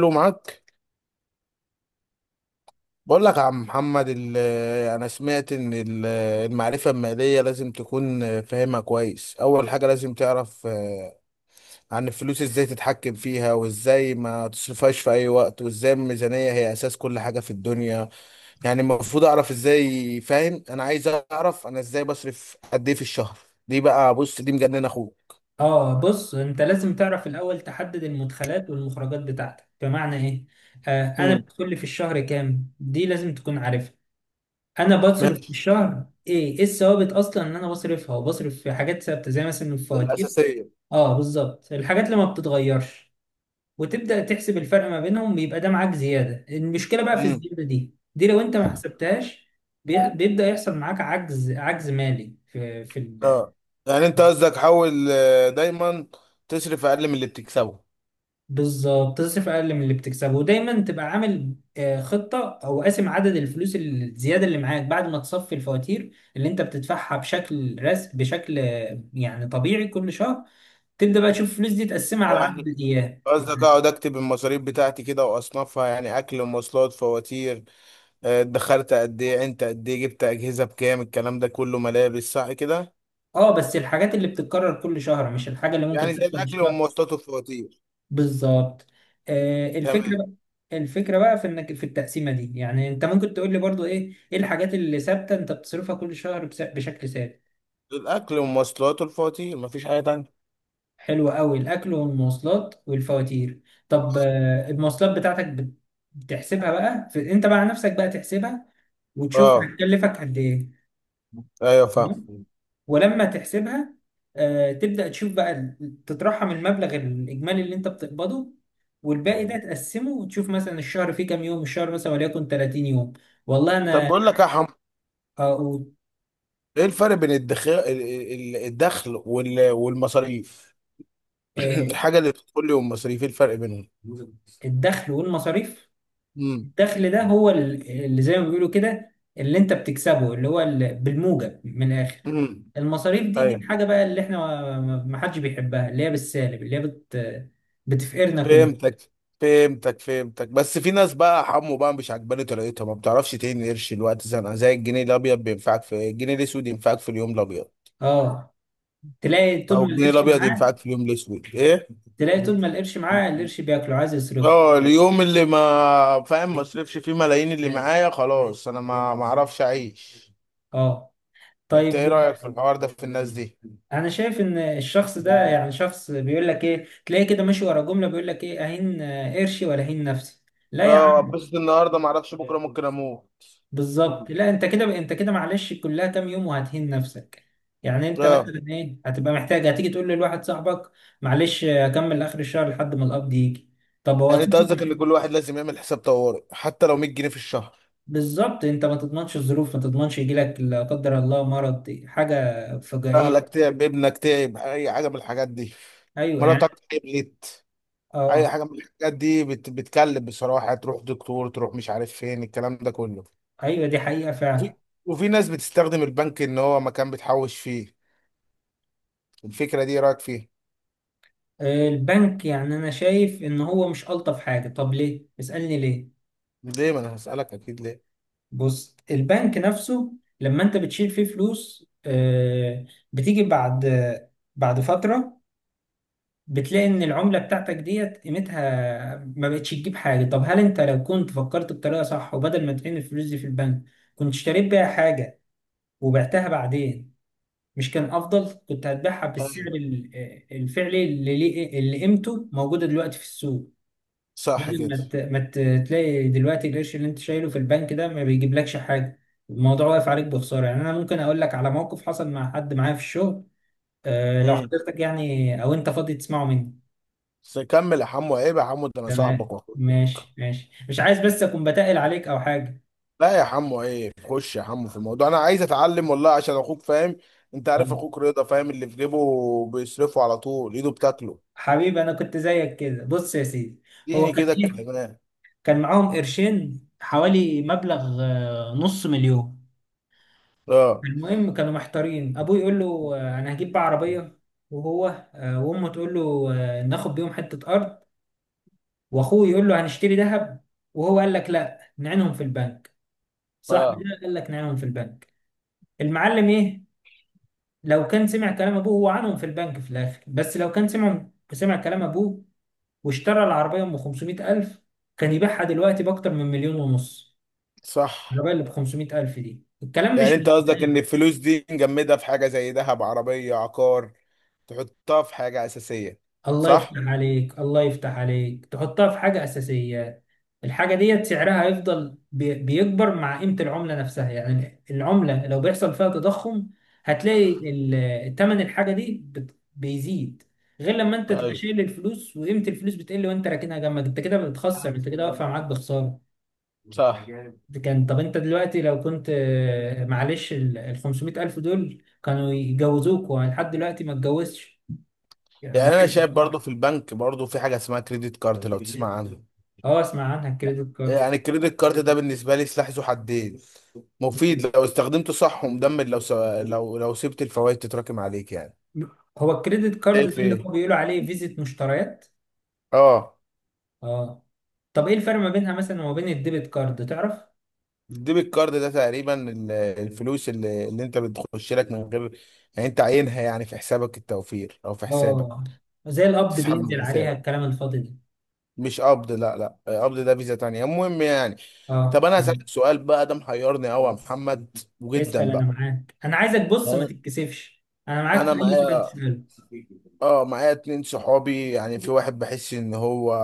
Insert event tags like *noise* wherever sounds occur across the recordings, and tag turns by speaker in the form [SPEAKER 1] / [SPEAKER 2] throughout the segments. [SPEAKER 1] له معاك. بقول لك يا عم محمد انا سمعت ان المعرفه الماليه لازم تكون فاهمها كويس. اول حاجه لازم تعرف، عن الفلوس، ازاي تتحكم فيها وازاي ما تصرفهاش في اي وقت، وازاي الميزانيه هي اساس كل حاجه في الدنيا. يعني المفروض اعرف ازاي، فاهم؟ انا عايز اعرف انا ازاي بصرف قد ايه في الشهر. دي بقى، بص، دي مجننه اخوك.
[SPEAKER 2] اه، بص انت لازم تعرف الاول، تحدد المدخلات والمخرجات بتاعتك، بمعنى ايه؟ انا
[SPEAKER 1] امم.
[SPEAKER 2] بدخل لي في الشهر كام، دي لازم تكون عارفها. انا بصرف في
[SPEAKER 1] ماشي.
[SPEAKER 2] الشهر ايه، ايه الثوابت اصلا ان انا بصرفها، وبصرف في حاجات ثابته زي مثلا
[SPEAKER 1] دي
[SPEAKER 2] الفواتير.
[SPEAKER 1] الأساسية.
[SPEAKER 2] اه بالظبط، الحاجات اللي ما بتتغيرش. وتبدا تحسب الفرق ما بينهم، بيبقى ده معاك زياده. المشكله بقى في
[SPEAKER 1] امم.
[SPEAKER 2] الزياده دي، لو انت ما حسبتهاش بيبدا يحصل معاك عجز، عجز مالي
[SPEAKER 1] اه، يعني انت قصدك حاول دايما تصرف اقل من اللي بتكسبه.
[SPEAKER 2] بالظبط. تصرف اقل من اللي بتكسبه، ودايما تبقى عامل خطه، او قاسم عدد الفلوس الزياده اللي معاك بعد ما تصفي الفواتير اللي انت بتدفعها بشكل رس بشكل آه، يعني طبيعي كل شهر. تبدا بقى تشوف الفلوس دي، تقسمها على عدد
[SPEAKER 1] يعني
[SPEAKER 2] الايام
[SPEAKER 1] قصدك
[SPEAKER 2] يعني.
[SPEAKER 1] اقعد اكتب المصاريف بتاعتي كده واصنفها، يعني اكل، مواصلات، فواتير، دخلت قد ايه، انت قد ايه جبت اجهزه بكام، الكلام ده كله، ملابس، صح كده؟
[SPEAKER 2] اه بس الحاجات اللي بتتكرر كل شهر، مش الحاجه اللي ممكن
[SPEAKER 1] يعني زي
[SPEAKER 2] تحصل
[SPEAKER 1] الاكل
[SPEAKER 2] الشهر.
[SPEAKER 1] والمواصلات والفواتير.
[SPEAKER 2] بالظبط. الفكره
[SPEAKER 1] تمام.
[SPEAKER 2] بقى، الفكره بقى في انك في التقسيمه دي، يعني انت ممكن تقول لي برضو ايه، ايه الحاجات اللي ثابته انت بتصرفها كل شهر بشكل ثابت.
[SPEAKER 1] الاكل والمواصلات والفواتير، مفيش حاجه تانية.
[SPEAKER 2] حلو قوي، الاكل والمواصلات والفواتير. طب المواصلات بتاعتك بتحسبها بقى في انت بقى، على نفسك بقى تحسبها، وتشوف
[SPEAKER 1] اه،
[SPEAKER 2] هتكلفك قد ايه.
[SPEAKER 1] ايوه
[SPEAKER 2] تمام؟
[SPEAKER 1] فاهم.
[SPEAKER 2] ولما تحسبها، تبدا تشوف بقى تترحم المبلغ الاجمالي اللي انت بتقبضه، والباقي ده تقسمه، وتشوف مثلا الشهر فيه كام يوم، الشهر مثلا وليكن 30 يوم. والله
[SPEAKER 1] طب
[SPEAKER 2] انا
[SPEAKER 1] بقول لك يا حمو،
[SPEAKER 2] آه، و-
[SPEAKER 1] ايه الفرق بين الدخل والمصاريف؟ *clears throat*
[SPEAKER 2] آه،
[SPEAKER 1] الحاجه اللي بتدخل لي والمصاريف، ايه الفرق بينهم؟
[SPEAKER 2] الدخل والمصاريف.
[SPEAKER 1] امم.
[SPEAKER 2] الدخل ده هو اللي زي ما بيقولوا كده، اللي انت بتكسبه، اللي هو بالموجب من الاخر.
[SPEAKER 1] امم.
[SPEAKER 2] المصاريف دي، دي
[SPEAKER 1] ايوه
[SPEAKER 2] الحاجه بقى اللي احنا ما حدش بيحبها، اللي هي بالسالب، اللي هي بتفقرنا كلنا.
[SPEAKER 1] فهمتك فهمتك فهمتك، بس في ناس بقى حمو بقى مش عجباني طريقتها، ما بتعرفش تهين قرش الوقت زنقه، زي الجنيه الابيض بينفعك في الجنيه الاسود، ينفعك في اليوم الابيض،
[SPEAKER 2] اه. تلاقي طول
[SPEAKER 1] او
[SPEAKER 2] ما
[SPEAKER 1] الجنيه
[SPEAKER 2] القرش
[SPEAKER 1] الابيض
[SPEAKER 2] معاه،
[SPEAKER 1] ينفعك في اليوم الاسود. ايه،
[SPEAKER 2] تلاقي طول ما القرش معاه القرش بياكله، عايز يصرفه.
[SPEAKER 1] اه، اليوم اللي ما فاهم ما اصرفش فيه ملايين اللي معايا خلاص انا ما اعرفش اعيش.
[SPEAKER 2] اه
[SPEAKER 1] انت
[SPEAKER 2] طيب.
[SPEAKER 1] ايه رايك في الحوار ده في الناس دي؟
[SPEAKER 2] انا شايف ان الشخص ده يعني شخص بيقول لك ايه، تلاقي كده ماشي ورا جمله بيقول لك ايه، اهين قرشي ولا اهين نفسي. لا يا
[SPEAKER 1] اه،
[SPEAKER 2] عم،
[SPEAKER 1] اتبسط النهارده، ما اعرفش بكره ممكن اموت.
[SPEAKER 2] بالظبط. لا انت كده، انت كده معلش، كلها كام يوم وهتهين نفسك. يعني انت
[SPEAKER 1] اه،
[SPEAKER 2] مثلا ايه، هتبقى محتاج هتيجي تقول لواحد صاحبك معلش اكمل اخر الشهر لحد ما القبض يجي. طب هو
[SPEAKER 1] يعني انت
[SPEAKER 2] صاحبك
[SPEAKER 1] قصدك ان كل واحد لازم يعمل حساب طوارئ، حتى لو 100 جنيه في الشهر.
[SPEAKER 2] بالظبط، انت ما تضمنش الظروف، ما تضمنش يجيلك لا قدر الله مرض، حاجه
[SPEAKER 1] اهلك
[SPEAKER 2] فجائيه.
[SPEAKER 1] تعب، ابنك تعب، اي حاجه من الحاجات دي.
[SPEAKER 2] ايوه يعني.
[SPEAKER 1] مراتك تعبت. اي
[SPEAKER 2] اه،
[SPEAKER 1] حاجه من الحاجات دي بتكلم بصراحه، تروح دكتور، تروح مش عارف فين، الكلام ده كله.
[SPEAKER 2] ايوه دي حقيقه فعلا.
[SPEAKER 1] وفي, وفي ناس بتستخدم البنك ان هو مكان بتحوش فيه. الفكره دي إيه رايك فيها؟
[SPEAKER 2] البنك يعني انا شايف ان هو مش الطف حاجه. طب ليه؟ اسالني ليه.
[SPEAKER 1] ليه؟ ما انا هسالك اكيد ليه.
[SPEAKER 2] بص البنك نفسه لما انت بتشيل فيه فلوس، بتيجي بعد، بعد فترة بتلاقي ان العملة بتاعتك ديت قيمتها ما بقتش تجيب حاجة. طب هل انت لو كنت فكرت بطريقة صح، وبدل ما ترمي الفلوس دي في البنك، كنت اشتريت بيها حاجة وبعتها بعدين، مش كان افضل؟ كنت هتبيعها بالسعر
[SPEAKER 1] أيوة.
[SPEAKER 2] الفعلي اللي قيمته موجودة دلوقتي في السوق.
[SPEAKER 1] صح
[SPEAKER 2] بدل
[SPEAKER 1] كده.
[SPEAKER 2] ما تلاقي دلوقتي القرش اللي انت شايله في البنك ده ما بيجيبلكش حاجه. الموضوع واقف عليك بخساره. يعني انا ممكن اقول لك على موقف حصل مع حد معايا في الشغل، أه لو
[SPEAKER 1] امم.
[SPEAKER 2] حضرتك يعني او انت فاضي تسمعه مني.
[SPEAKER 1] بس كمل يا حمو، عيب يا حمو، ده انا
[SPEAKER 2] تمام
[SPEAKER 1] صاحبك واخوك.
[SPEAKER 2] ماشي ماشي، مش عايز بس اكون بتقل عليك او حاجه.
[SPEAKER 1] لا يا حمو، عيب، خش يا حمو في الموضوع، انا عايز اتعلم والله، عشان اخوك فاهم. انت عارف
[SPEAKER 2] أه،
[SPEAKER 1] اخوك رضا فاهم اللي في جيبه، بيصرفه على طول، ايده بتاكله.
[SPEAKER 2] حبيبي انا كنت زيك كده. بص يا سيدي، هو
[SPEAKER 1] اديني
[SPEAKER 2] كان
[SPEAKER 1] كده
[SPEAKER 2] ايه،
[SPEAKER 1] الكلمات.
[SPEAKER 2] كان معاهم قرشين حوالي مبلغ نص مليون.
[SPEAKER 1] اه،
[SPEAKER 2] المهم كانوا محتارين، ابوه يقول له انا هجيب بقى عربيه، وهو وامه تقول له ناخد بيهم حته ارض، واخوه يقول له هنشتري ذهب، وهو قال لك لا، نعينهم في البنك. صاحبي ده
[SPEAKER 1] اه،
[SPEAKER 2] قال لك نعينهم في البنك. المعلم ايه، لو كان سمع كلام ابوه هو عنهم في البنك في الاخر، بس لو كان سمع كلام ابوه واشترى العربيه ب 500,000، كان يبيعها دلوقتي باكتر من مليون ونص.
[SPEAKER 1] صح.
[SPEAKER 2] العربيه اللي ب 500,000 دي، الكلام
[SPEAKER 1] يعني
[SPEAKER 2] مش من
[SPEAKER 1] انت قصدك ان
[SPEAKER 2] زمان.
[SPEAKER 1] الفلوس دي نجمدها في حاجه زي ذهب، عربيه، عقار، تحطها في حاجه اساسيه.
[SPEAKER 2] الله يفتح
[SPEAKER 1] صح.
[SPEAKER 2] عليك، الله يفتح عليك، تحطها في حاجة أساسية. الحاجة ديت سعرها هيفضل بيكبر مع قيمة العملة نفسها. يعني العملة لو بيحصل فيها تضخم، هتلاقي تمن الحاجة دي بيزيد. غير لما انت تبقى
[SPEAKER 1] ايوه
[SPEAKER 2] شايل الفلوس وقيمة الفلوس بتقل، وانت راكنها جنبك، انت كده بتخسر، انت كده واقفة معاك بخسارة.
[SPEAKER 1] صح.
[SPEAKER 2] ده كان. طب انت دلوقتي لو كنت معلش ال 500 ألف دول كانوا يجوزوك، ولحد دلوقتي ما اتجوزش. يعني هو
[SPEAKER 1] يعني انا
[SPEAKER 2] عايز
[SPEAKER 1] شايف
[SPEAKER 2] يتجوز.
[SPEAKER 1] برضو في البنك، برضو في حاجه اسمها كريدت كارد، لو تسمع عنها.
[SPEAKER 2] اه اسمع عنها، الكريدت كارد.
[SPEAKER 1] يعني الكريدت كارد ده بالنسبه لي سلاح ذو حدين، مفيد لو استخدمته صح، ومدمر لو س... لو لو سبت الفوائد تتراكم عليك يعني.
[SPEAKER 2] هو الكريدت كارد ده
[SPEAKER 1] شايف
[SPEAKER 2] اللي هو
[SPEAKER 1] ايه؟
[SPEAKER 2] بيقولوا عليه فيزيت مشتريات.
[SPEAKER 1] اه.
[SPEAKER 2] اه طب ايه الفرق ما بينها مثلا وما بين الديبت كارد، تعرف؟
[SPEAKER 1] الديبت كارد ده تقريبا الفلوس اللي انت بتخش لك من غير، يعني انت عينها يعني في حسابك التوفير او في حسابك،
[SPEAKER 2] اه، زي القبض،
[SPEAKER 1] تسحب من
[SPEAKER 2] بينزل عليها
[SPEAKER 1] حسابك.
[SPEAKER 2] الكلام الفاضي ده.
[SPEAKER 1] مش قبض، لا، لا، قبض ده فيزا تانية، المهم يعني. طب
[SPEAKER 2] اه،
[SPEAKER 1] انا هسألك
[SPEAKER 2] مم.
[SPEAKER 1] سؤال بقى، ده محيرني قوي يا محمد
[SPEAKER 2] اسأل،
[SPEAKER 1] وجدا
[SPEAKER 2] انا
[SPEAKER 1] بقى.
[SPEAKER 2] معاك. انا عايزك بص، ما
[SPEAKER 1] اه.
[SPEAKER 2] تتكسفش، انا معاك في
[SPEAKER 1] انا
[SPEAKER 2] اي سؤال
[SPEAKER 1] معايا،
[SPEAKER 2] تسأله.
[SPEAKER 1] اه، معايا اتنين صحابي. يعني في واحد بحس ان هو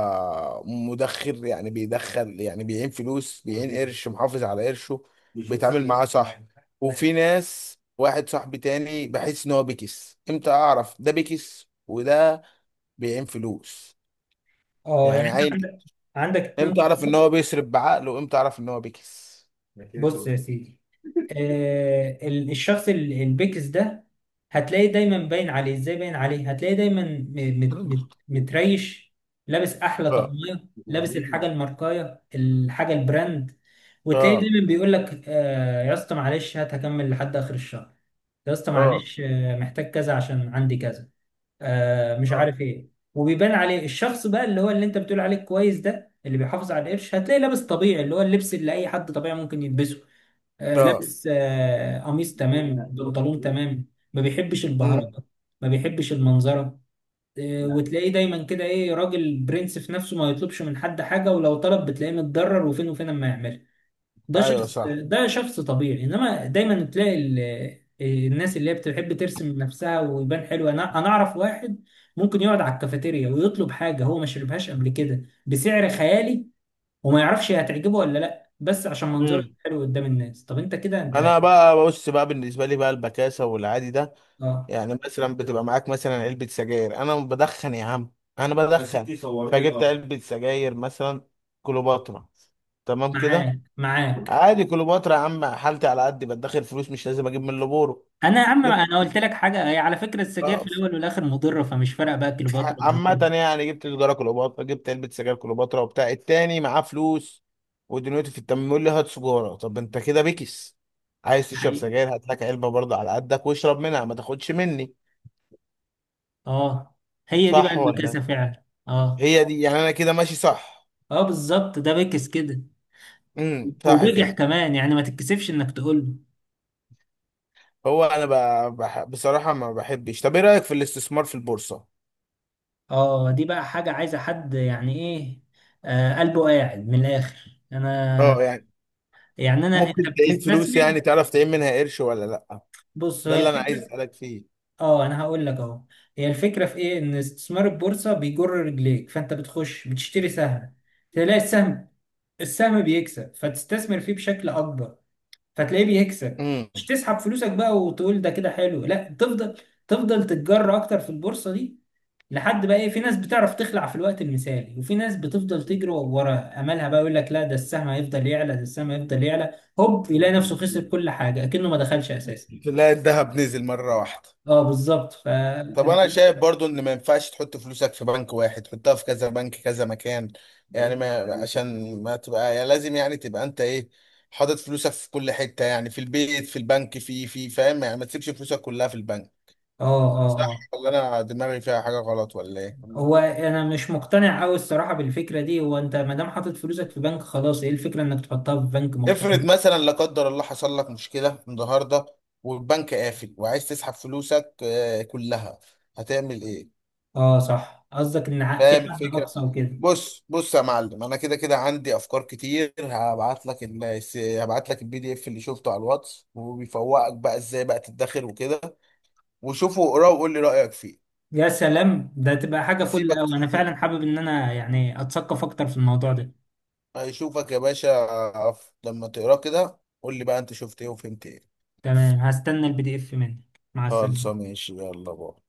[SPEAKER 1] مدخر، يعني بيدخل يعني بيعين فلوس، بيعين قرش، محافظ على قرشه، بيتعامل معاه صح. وفي ناس، واحد صاحبي تاني بحس ان هو بيكس. امتى اعرف ده بيكس وده بيعين فلوس؟
[SPEAKER 2] اه،
[SPEAKER 1] يعني
[SPEAKER 2] يعني انت
[SPEAKER 1] عين.
[SPEAKER 2] عندك، اتنين
[SPEAKER 1] امتى اعرف
[SPEAKER 2] سكر.
[SPEAKER 1] ان هو بيصرف بعقله وامتى اعرف ان هو بيكس؟
[SPEAKER 2] بص يا سيدي، الشخص البكس ده، هتلاقيه دايما باين عليه، ازاي باين عليه؟ هتلاقيه دايما م- مت مت متريش لابس احلى
[SPEAKER 1] اه،
[SPEAKER 2] طقمية، لابس الحاجة الماركاية، الحاجة البراند. وتلاقيه
[SPEAKER 1] اه،
[SPEAKER 2] دايما بيقول لك يا اسطى معلش هات، هكمل لحد اخر الشهر. يا اسطى
[SPEAKER 1] اه،
[SPEAKER 2] معلش محتاج كذا عشان عندي كذا، مش عارف
[SPEAKER 1] اه،
[SPEAKER 2] ايه. وبيبان عليه. الشخص بقى اللي هو اللي انت بتقول عليه كويس، ده اللي بيحافظ على القرش، هتلاقيه لابس طبيعي، اللي هو اللبس اللي اي حد طبيعي ممكن يلبسه،
[SPEAKER 1] اه.
[SPEAKER 2] لابس قميص تمام بنطلون تمام. ما بيحبش
[SPEAKER 1] امم.
[SPEAKER 2] البهرجه، ما بيحبش المنظره. وتلاقيه دايما كده ايه، راجل برنس في نفسه، ما يطلبش من حد حاجه، ولو طلب بتلاقيه متضرر، وفين وفين اما يعملها. ده
[SPEAKER 1] ايوه
[SPEAKER 2] شخص،
[SPEAKER 1] صح.
[SPEAKER 2] ده شخص طبيعي. انما دايما تلاقي الناس اللي هي بتحب ترسم نفسها ويبان حلو. انا اعرف واحد ممكن يقعد على الكافيتيريا ويطلب حاجه هو ما شربهاش قبل كده بسعر خيالي، وما يعرفش هي هتعجبه ولا لا، بس عشان منظره
[SPEAKER 1] امم.
[SPEAKER 2] حلو قدام الناس. طب انت كده، انت.
[SPEAKER 1] انا بقى، بص بقى، بالنسبه لي بقى البكاسه والعادي ده،
[SPEAKER 2] اه،
[SPEAKER 1] يعني مثلا بتبقى معاك مثلا علبة سجاير. انا بدخن يا عم، انا يا بدخن، فجبت علبة سجاير مثلا كليوباترا، تمام كده؟
[SPEAKER 2] معاك معاك.
[SPEAKER 1] عادي، كليوباترا يا عم، حالتي على قد بدخل فلوس، مش لازم اجيب من لبورو.
[SPEAKER 2] انا يا عم،
[SPEAKER 1] جبت،
[SPEAKER 2] انا قلت لك حاجه، هي على فكره السجاير في
[SPEAKER 1] آه،
[SPEAKER 2] الاول والاخر مضره، فمش فارقه بقى كيلو بطر ولا
[SPEAKER 1] عامة
[SPEAKER 2] غيره.
[SPEAKER 1] يعني جبت سجارة كليوباترا، جبت علبة سجاير كليوباترا، وبتاع التاني معاه فلوس ودنيته في التمام، يقول لي هات سجارة. طب انت كده بكس، عايز تشرب
[SPEAKER 2] حقيقي.
[SPEAKER 1] سجاير هات لك علبة برضه على قدك، واشرب منها ما تاخدش مني.
[SPEAKER 2] اه، هي دي بقى
[SPEAKER 1] صح ولا
[SPEAKER 2] البكاسه
[SPEAKER 1] إيه؟
[SPEAKER 2] فعلا. اه،
[SPEAKER 1] هي دي، يعني انا كده ماشي صح.
[SPEAKER 2] اه بالظبط، ده بكس كده،
[SPEAKER 1] امم. صح
[SPEAKER 2] وبجح
[SPEAKER 1] كده.
[SPEAKER 2] كمان، يعني ما تتكسفش انك تقول له.
[SPEAKER 1] هو انا بصراحه ما بحبش. طب ايه رايك في الاستثمار في البورصه؟
[SPEAKER 2] اه دي بقى حاجه عايزه حد، يعني ايه، قلبه قاعد. من الاخر انا،
[SPEAKER 1] اه يعني،
[SPEAKER 2] يعني انا، انت
[SPEAKER 1] ممكن تعين فلوس؟
[SPEAKER 2] بتستثمر.
[SPEAKER 1] يعني تعرف تعين منها قرش ولا لا؟
[SPEAKER 2] بص،
[SPEAKER 1] ده
[SPEAKER 2] هي
[SPEAKER 1] اللي انا عايز
[SPEAKER 2] الفكره.
[SPEAKER 1] اسالك فيه.
[SPEAKER 2] اه انا هقول لك اهو، هي الفكره في ايه، ان استثمار البورصه بيجر رجليك، فانت بتخش بتشتري سهم، تلاقي السهم، السهم بيكسب، فتستثمر فيه بشكل اكبر، فتلاقيه بيكسب.
[SPEAKER 1] امم.
[SPEAKER 2] مش تسحب فلوسك بقى وتقول ده كده حلو، لا تفضل، تفضل تتجر اكتر في البورصه دي، لحد بقى ايه، في ناس بتعرف تخلع في الوقت المثالي، وفي ناس بتفضل تجري ورا املها بقى، يقول لك لا ده السهم هيفضل يعلى، ده السهم هيفضل يعلى، هوب يلاقي نفسه خسر كل حاجه، اكنه ما دخلش اساسا.
[SPEAKER 1] تلاقي الذهب نزل مره واحده.
[SPEAKER 2] اه بالظبط ف.
[SPEAKER 1] طب انا شايف برضو ان ما ينفعش تحط فلوسك في بنك واحد، تحطها في كذا بنك، كذا مكان. يعني ما، عشان ما تبقى، يعني لازم يعني تبقى انت ايه، حاطط فلوسك في كل حته، يعني في البيت، في البنك، في فاهم، يعني ما تسيبش فلوسك كلها في البنك.
[SPEAKER 2] اه، اه،
[SPEAKER 1] صح
[SPEAKER 2] اه،
[SPEAKER 1] ولا انا دماغي فيها حاجه غلط، ولا ايه؟
[SPEAKER 2] هو انا مش مقتنع قوي الصراحه بالفكره دي، هو انت ما دام حاطط فلوسك في بنك خلاص، ايه الفكره انك تحطها في بنك مختلف؟
[SPEAKER 1] افرض مثلا لا قدر الله حصل لك مشكلة النهاردة، والبنك قافل وعايز تسحب فلوسك كلها، هتعمل ايه؟
[SPEAKER 2] اه صح، قصدك ان في
[SPEAKER 1] فاهم
[SPEAKER 2] حد
[SPEAKER 1] الفكرة؟
[SPEAKER 2] اقصى وكده.
[SPEAKER 1] بص بص يا معلم، انا كده كده عندي افكار كتير، هبعت لك هبعت لك البي دي اف اللي شفته على الواتس، وبيفوقك بقى ازاي بقى تدخر وكده. وشوفه واقراه وقول لي رأيك فيه.
[SPEAKER 2] يا سلام، ده تبقى حاجه فل
[SPEAKER 1] هسيبك
[SPEAKER 2] قوي، انا
[SPEAKER 1] تشوفه،
[SPEAKER 2] فعلا حابب ان انا يعني اتثقف اكتر في الموضوع ده.
[SPEAKER 1] هيشوفك يا باشا. لما تقراه كده قول لي بقى انت شفت ايه وفهمت ايه.
[SPEAKER 2] تمام، هستنى البي دي اف منك، مع
[SPEAKER 1] خالص،
[SPEAKER 2] السلامه.
[SPEAKER 1] ماشي، يلا بقى.